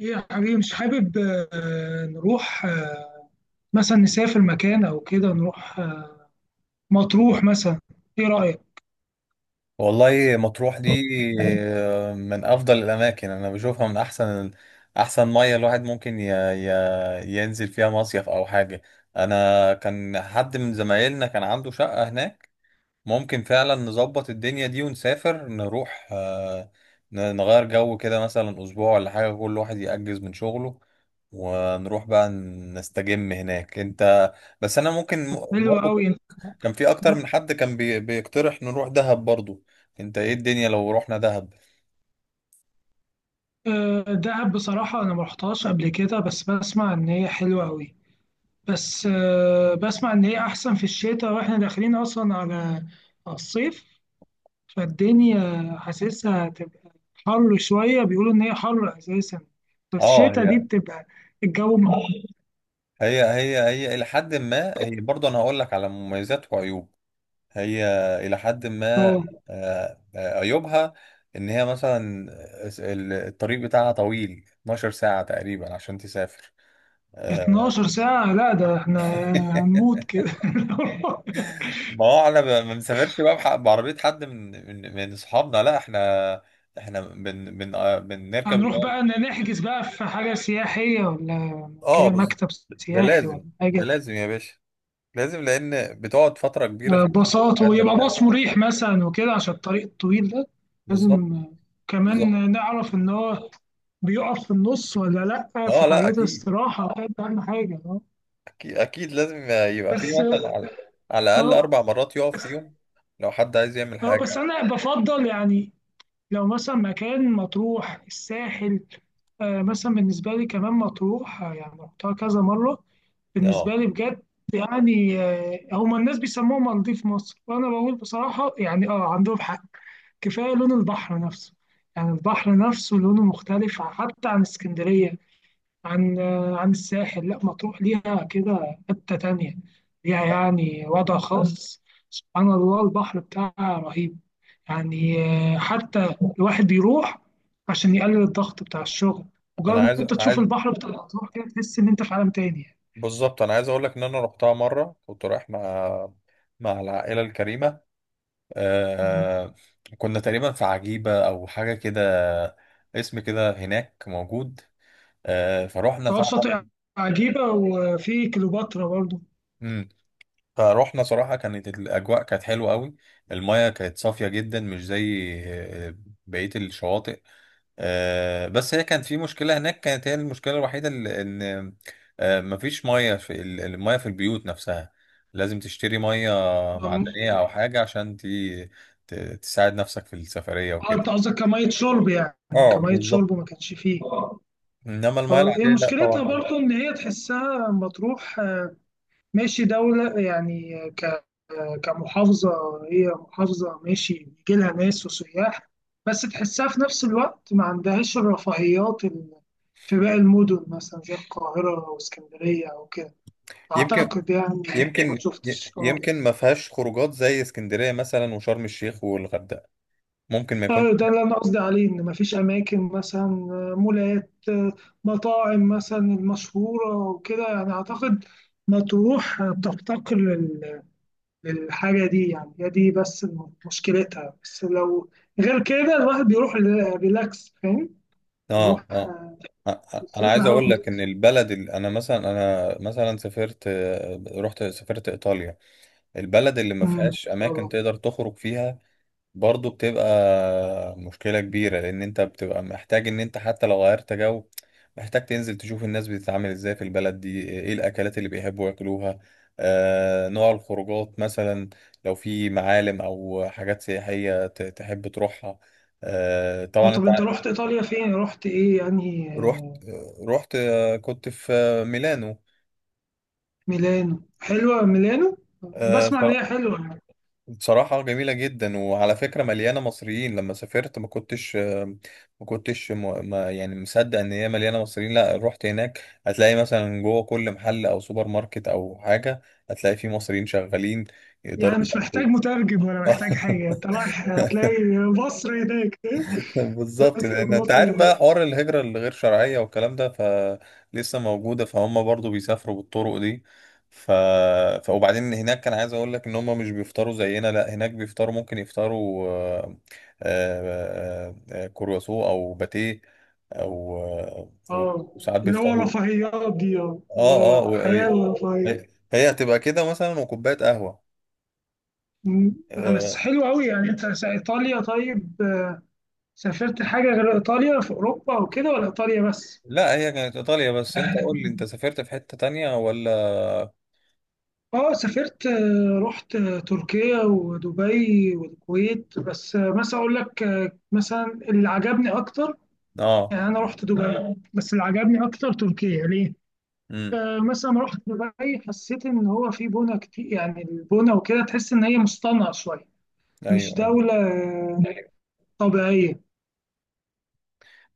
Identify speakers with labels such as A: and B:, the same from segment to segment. A: ايه يا حبيبي، مش حابب نروح مثلا نسافر مكان او كده، نروح مطروح مثلا. ايه رأيك؟
B: والله مطروح دي. من افضل الاماكن انا بشوفها، من احسن ميه الواحد ممكن ينزل فيها مصيف او حاجه. انا كان حد من زمايلنا كان عنده شقه هناك، ممكن فعلا نظبط الدنيا دي ونسافر نروح، نغير جو كده مثلا اسبوع ولا حاجه، كل واحد يأجز من شغله ونروح بقى نستجم هناك انت. بس انا ممكن
A: حلوة
B: برضه
A: قوي.
B: كان في اكتر من حد كان بيقترح نروح دهب برضو. انت ايه الدنيا لو رحنا دهب؟
A: دهب بصراحة انا ما رحتهاش قبل كده، بس بسمع ان هي حلوة قوي. بس بسمع ان هي احسن في الشتاء، واحنا داخلين اصلا على الصيف. فالدنيا حاسسها هتبقى حر شوية. بيقولوا ان هي حر اساسا. بس
B: اه،
A: الشتاء دي
B: هي
A: بتبقى الجو.
B: هي هي هي الى حد ما، هي برضو انا هقول لك على مميزات وعيوب. هي الى حد ما.
A: اه،
B: عيوبها ان هي مثلا الطريق بتاعها طويل، 12 ساعة تقريبا عشان تسافر. آه،
A: 12 ساعة؟ لا ده احنا هنموت كده.
B: ما هو احنا ما بنسافرش بقى بعربية حد من من اصحابنا، لا احنا احنا بن بن آه، بنركب.
A: هنروح بقى نحجز بقى في حاجة سياحية، ولا
B: اه
A: مكتب
B: ده
A: سياحي ولا
B: لازم، ده
A: حاجة؟
B: لازم يا باشا، لازم لان بتقعد فتره كبيره فلازم تبقى
A: باصات،
B: قاعد
A: ويبقى
B: مرتاح.
A: باص مريح مثلا وكده عشان الطريق الطويل ده.
B: بالظبط.
A: لازم
B: بالظبط.
A: كمان نعرف إن هو بيقف في النص ولا لأ، في
B: اه لا
A: حاجات
B: اكيد،
A: استراحة. ده أهم حاجة. اه،
B: اكيد اكيد لازم يبقى في
A: بس.
B: مثلا على على الاقل
A: اه،
B: اربع مرات يقف فيهم لو حد عايز يعمل
A: اه، بس
B: حاجه.
A: أنا بفضل يعني، لو مثلا مكان مطروح الساحل، مثلا بالنسبة لي كمان مطروح، يعني رحتها كذا مرة. بالنسبة
B: اه
A: لي بجد، يعني هما الناس بيسموها مالديف مصر، وأنا بقول بصراحة يعني عندهم حق. كفاية لون البحر نفسه. يعني البحر نفسه لونه مختلف حتى عن اسكندرية، عن الساحل. لا مطروح ليها كده حتة تانية، ليها يعني وضع خاص. سبحان الله، البحر بتاعها رهيب يعني. حتى الواحد بيروح عشان يقلل الضغط بتاع الشغل.
B: انا
A: مجرد ان
B: عايز
A: انت تشوف
B: عايز
A: البحر بتاع الأطراف كده، تحس ان انت في عالم تاني يعني.
B: بالظبط، انا عايز اقول لك ان انا رحتها مره كنت رايح مع مع العائله الكريمه.
A: مم.
B: آه... كنا تقريبا في عجيبه او حاجه كده، اسم كده هناك موجود. فروحنا
A: اه،
B: طبعا.
A: شاطئ عجيبة، وفي كليوباترا برضه.
B: فروحنا، صراحة كانت الأجواء كانت حلوة قوي، المياه كانت صافية جدا مش زي بقية الشواطئ. بس هي كانت في مشكلة هناك، كانت هي المشكلة الوحيدة إن مفيش مية في المية في البيوت نفسها. لازم تشتري مية
A: أم-
B: معدنية أو حاجة عشان تساعد نفسك في السفرية
A: اه، انت
B: وكده.
A: قصدك كمية شرب، يعني
B: اه
A: كمية
B: بالظبط،
A: شرب ما كانش فيه.
B: انما المياه
A: اه، هي
B: العاديه لا طبعا
A: مشكلتها
B: كده.
A: برضه ان هي تحسها مطروح، ماشي دولة، يعني كمحافظة. هي محافظة ماشي، بيجي لها ناس وسياح، بس تحسها في نفس الوقت ما عندهاش الرفاهيات في باقي المدن مثلا زي القاهرة واسكندرية أو كده،
B: يمكن.
A: أعتقد يعني. ما
B: يمكن.
A: شفتش آه.
B: يمكن ما فيهاش خروجات زي اسكندريه مثلا وشرم الشيخ والغردقه، ممكن ما يكونش.
A: ده اللي أنا قصدي عليه، إن مفيش أماكن مثلا مولات، مطاعم مثلا المشهورة وكده، يعني أعتقد مطروح بتفتقر للحاجة دي. يعني هي دي بس مشكلتها. بس لو غير كده الواحد بيروح ريلاكس، فاهم؟
B: اه
A: بيروح
B: اه. انا
A: يشم
B: عايز
A: هوا
B: اقول لك ان
A: نضيف.
B: البلد اللي انا مثلا، انا مثلا سافرت، رحت سافرت ايطاليا، البلد اللي ما فيهاش
A: إن شاء
B: اماكن
A: الله.
B: تقدر تخرج فيها برضو بتبقى مشكلة كبيرة، لان انت بتبقى محتاج ان انت حتى لو غيرت جو، محتاج تنزل تشوف الناس بتتعامل ازاي في البلد دي، ايه الاكلات اللي بيحبوا ياكلوها، آه نوع الخروجات مثلا، لو في معالم او حاجات سياحية تحب تروحها. طبعا انت،
A: طب انت رحت ايطاليا فين، رحت ايه يعني
B: رحت رحت كنت في ميلانو.
A: ميلانو؟ حلوة ميلانو.
B: آه،
A: بسمع ان
B: صرا-
A: هي حلوة يعني.
B: بصراحة جميلة جدا، وعلى فكرة مليانة مصريين. لما سافرت ما كنتش، آه، ما كنتش م- ما يعني مصدق ان هي مليانة مصريين. لا رحت هناك هتلاقي مثلا جوه كل محل او سوبر ماركت او حاجة، هتلاقي فيه مصريين شغالين يقدروا
A: يعني مش محتاج
B: يساعدوك.
A: مترجم ولا محتاج حاجة، انت رايح هتلاقي مصر هناك.
B: بالظبط،
A: بس
B: لان انت
A: مصر
B: عارف
A: هناك.
B: بقى حوار الهجره الغير شرعيه والكلام ده، فلسه موجوده، فهم برضو بيسافروا بالطرق دي. ف... ف وبعدين هناك كان عايز اقول لك ان هم مش بيفطروا زينا، لا هناك بيفطروا، ممكن يفطروا كرواسون او باتيه او آه،
A: اه،
B: وساعات
A: اللي هو
B: بيفطروا.
A: رفاهيات دي، اه،
B: اه اه
A: حياة رفاهية.
B: هي هي هتبقى كده مثلا وكوبايه قهوه.
A: مم. بس
B: آه،
A: حلو قوي، يعني انت ايطاليا. طيب، سافرت حاجه غير ايطاليا في اوروبا وكده، ولا ايطاليا بس؟
B: لا هي كانت ايطاليا بس. انت قول لي انت سافرت في حته تانية ولا؟
A: اه، سافرت رحت تركيا ودبي والكويت. بس مثلا اقول لك مثلا اللي عجبني اكتر،
B: اه
A: يعني انا رحت دبي، بس اللي عجبني اكتر تركيا. ليه؟ مثلا لما رحت دبي حسيت ان هو في بنا كتير، يعني البنا وكده تحس ان هي مصطنعه شويه، مش
B: ايوه ايوه.
A: دوله طبيعيه.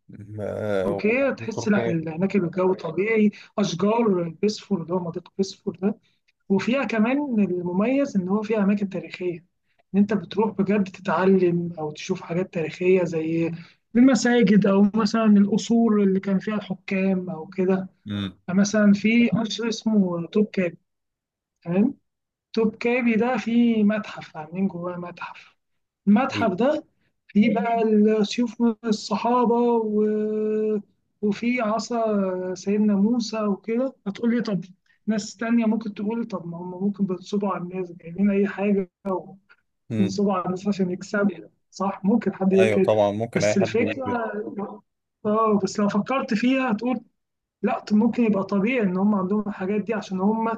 A: تركيا تحس لا،
B: وتركيا.
A: هناك الجو طبيعي، اشجار بيسفور، اللي هو منطقه بيسفور ده، وفيها كمان المميز ان هو فيها اماكن تاريخيه، ان انت بتروح بجد تتعلم او تشوف حاجات تاريخيه زي المساجد، او مثلا القصور اللي كان فيها الحكام او كده.
B: امم.
A: مثلا في قصر اسمه توبكابي. تمام. توبكابي ده فيه متحف، عاملين جواه متحف.
B: حلو.
A: المتحف ده فيه بقى سيوف الصحابة و... وفي عصا سيدنا موسى وكده. هتقول لي طب، ناس تانية ممكن تقول إيه؟ طب ما هم ممكن بينصبوا على الناس، جايبين أي حاجة
B: امم.
A: وينصبوا على الناس عشان يكسبوا. صح، ممكن حد يقول
B: ايوه
A: كده.
B: طبعا، ممكن اي
A: بس
B: حد يقول كده.
A: الفكرة، اه، بس لو فكرت فيها هتقول لا. طب ممكن يبقى طبيعي إن هم عندهم الحاجات دي عشان هم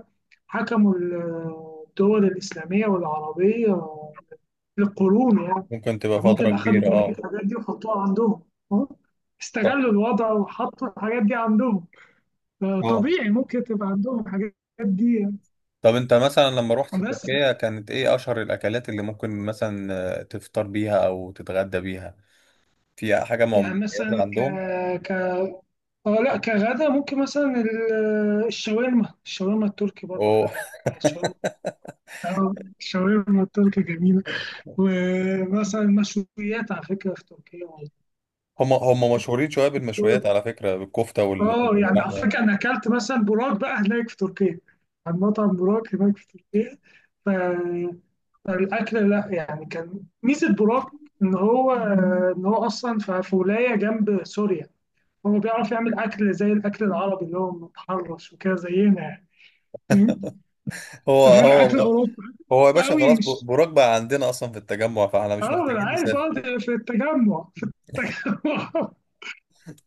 A: حكموا الدول الإسلامية والعربية للقرون يعني.
B: ممكن تبقى فتره
A: فممكن أخدوا
B: كبيره
A: كل
B: اه.
A: الحاجات دي وحطوها عندهم. أه؟ استغلوا
B: طب.
A: الوضع وحطوا الحاجات دي عندهم.
B: طبعا.
A: طبيعي ممكن تبقى عندهم الحاجات دي.
B: طب انت مثلا لما رحت
A: بس
B: تركيا، كانت ايه اشهر الاكلات اللي ممكن مثلا تفطر بيها او تتغدى بيها؟ في حاجه
A: يعني
B: مميزه
A: مثلا ك
B: عندهم؟
A: ك اه، لا، كغدا ممكن مثلا الشاورما التركي برضو
B: أو-
A: حلوة. يعني الشاورما، اه، الشاورما التركي جميلة. ومثلا مشويات على فكرة في تركيا.
B: هم مشهورين شويه بالمشويات على فكره، بالكفته
A: اه، يعني على
B: واللحمه.
A: فكره انا اكلت مثلا براك بقى هناك في تركيا، عند مطعم براك هناك في تركيا. ف... فالاكل، لا يعني، كان ميزه براك ان هو اصلا في ولايه جنب سوريا، هو بيعرف يعمل اكل زي الاكل العربي اللي هو متحرش وكده زينا يعني. فاهم؟
B: هو
A: غير
B: هو
A: اكل اوروبا،
B: هو يا
A: اوروبا
B: باشا،
A: قوي،
B: خلاص
A: مش.
B: براك بقى عندنا اصلا في التجمع، فاحنا مش
A: اه، انا
B: محتاجين
A: عارف،
B: نسافر.
A: اه، ده في التجمع، التجمع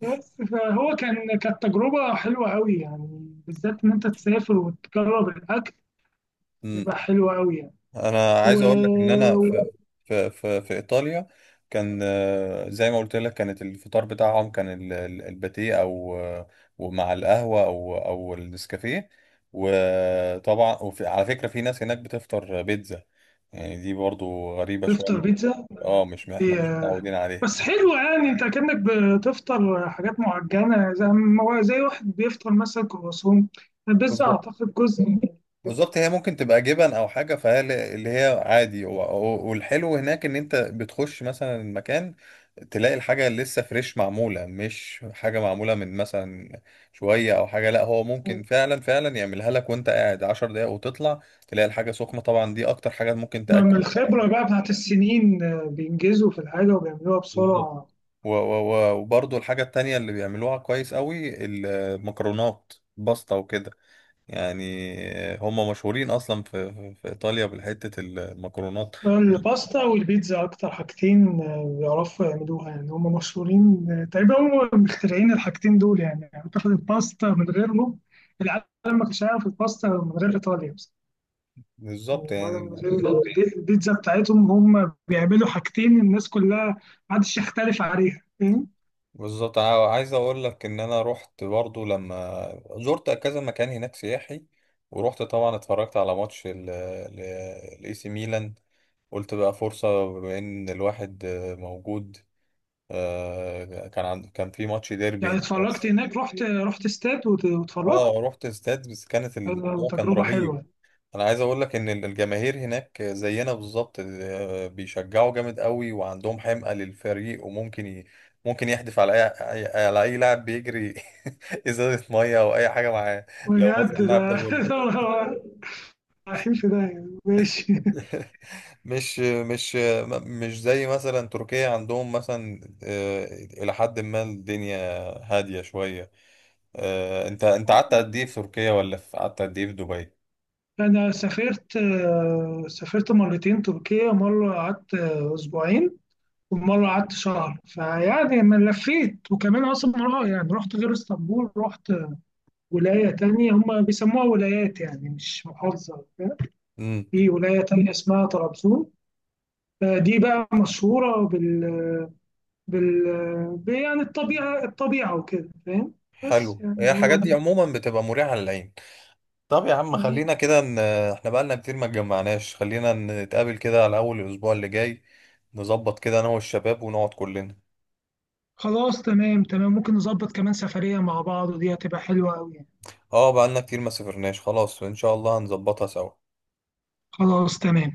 A: بس فهو كان، كانت تجربة حلوة قوي يعني، بالذات إن أنت تسافر وتجرب الأكل تبقى حلوة قوي يعني.
B: انا عايز اقول لك ان انا
A: و-
B: في ايطاليا كان، زي ما قلت لك، كانت الفطار بتاعهم كان الباتيه او ومع القهوه او او النسكافيه. وطبعا وفي على فكره في ناس هناك بتفطر بيتزا، يعني دي برضو غريبه شويه
A: وتفطر
B: مش،
A: بيتزا؟
B: اه مش احنا
A: دي،
B: مش متعودين عليها.
A: بس حلوة، يعني أنت كأنك بتفطر حاجات معجنة، زي زي واحد بيفطر مثلا كرواسون. البيتزا أعتقد جزء من
B: بالظبط، هي ممكن تبقى جبن او حاجه، فهي اللي هي عادي. والحلو هناك ان انت بتخش مثلا المكان تلاقي الحاجه لسه فريش معموله، مش حاجه معموله من مثلا شويه او حاجه، لا هو ممكن فعلا يعملها لك وانت قاعد 10 دقايق، وتطلع تلاقي الحاجه سخنه طبعا، دي اكتر حاجه ممكن
A: ما من
B: تاكل البني
A: الخبرة
B: آدم.
A: بقى بتاعت السنين. بينجزوا في الحاجة وبيعملوها
B: بالظبط.
A: بسرعة.
B: وبرضو الحاجة التانية اللي بيعملوها كويس قوي المكرونات، باستا وكده، يعني هم مشهورين أصلا في في إيطاليا بالحتة المكرونات.
A: الباستا والبيتزا أكتر حاجتين بيعرفوا يعملوها. يعني هم مشهورين، تقريبا هم مخترعين الحاجتين دول يعني. أعتقد الباستا من غيرهم، العالم ما كانش هيعرف الباستا من غير إيطاليا بس.
B: بالظبط
A: يعني ولا من
B: يعني.
A: غير، بالظبط. البيتزا بتاعتهم، هم بيعملوا حاجتين الناس كلها ما حدش يختلف عليها. فاهم؟
B: بالظبط. عايز اقول لك ان انا رحت برضو لما زرت كذا مكان هناك سياحي، ورحت طبعا اتفرجت على ماتش الاي سي ميلان. قلت بقى فرصة بما ان الواحد موجود، كان في ماتش ديربي
A: يعني
B: هناك
A: اتفرجت
B: بس.
A: هناك، رحت استاد واتفرجت.
B: اه رحت استاد، بس كانت الموضوع كان
A: وتجربة
B: رهيب.
A: حلوة
B: انا عايز اقول لك ان الجماهير هناك زينا بالظبط، بيشجعوا جامد قوي وعندهم حمقة للفريق، وممكن ممكن يحدف على اي على اي لاعب بيجري ازازة مية او اي حاجة معاه لو
A: بجد.
B: مثلا
A: ده
B: اللاعب ده غلط.
A: ماشي.
B: مش زي مثلا تركيا، عندهم مثلا الى حد ما الدنيا هادية شوية. انت قعدت قد ايه في تركيا، ولا قعدت قد ايه في دبي؟
A: أنا سافرت مرتين تركيا، مرة قعدت أسبوعين، ومرة قعدت شهر. فيعني ما لفيت، وكمان أصلا مرة يعني رحت غير اسطنبول، رحت ولاية تانية هم بيسموها ولايات، يعني مش محافظة.
B: امم.
A: في ولاية تانية اسمها طرابزون. دي بقى مشهورة بال يعني الطبيعة وكده فاهم. بس
B: حلو، هي
A: يعني
B: الحاجات دي عموما بتبقى مريحة للعين. طب يا عم،
A: هو-
B: خلينا كده ان احنا بقالنا كتير ما اتجمعناش، خلينا نتقابل كده على اول الاسبوع اللي جاي، نظبط كده انا والشباب ونقعد كلنا.
A: خلاص، تمام تمام، ممكن نظبط كمان سفرية مع بعض، ودي هتبقى حلوة أوي.
B: اه بقالنا كتير ما سافرناش، خلاص ان شاء الله هنظبطها سوا.
A: خلاص، تمام.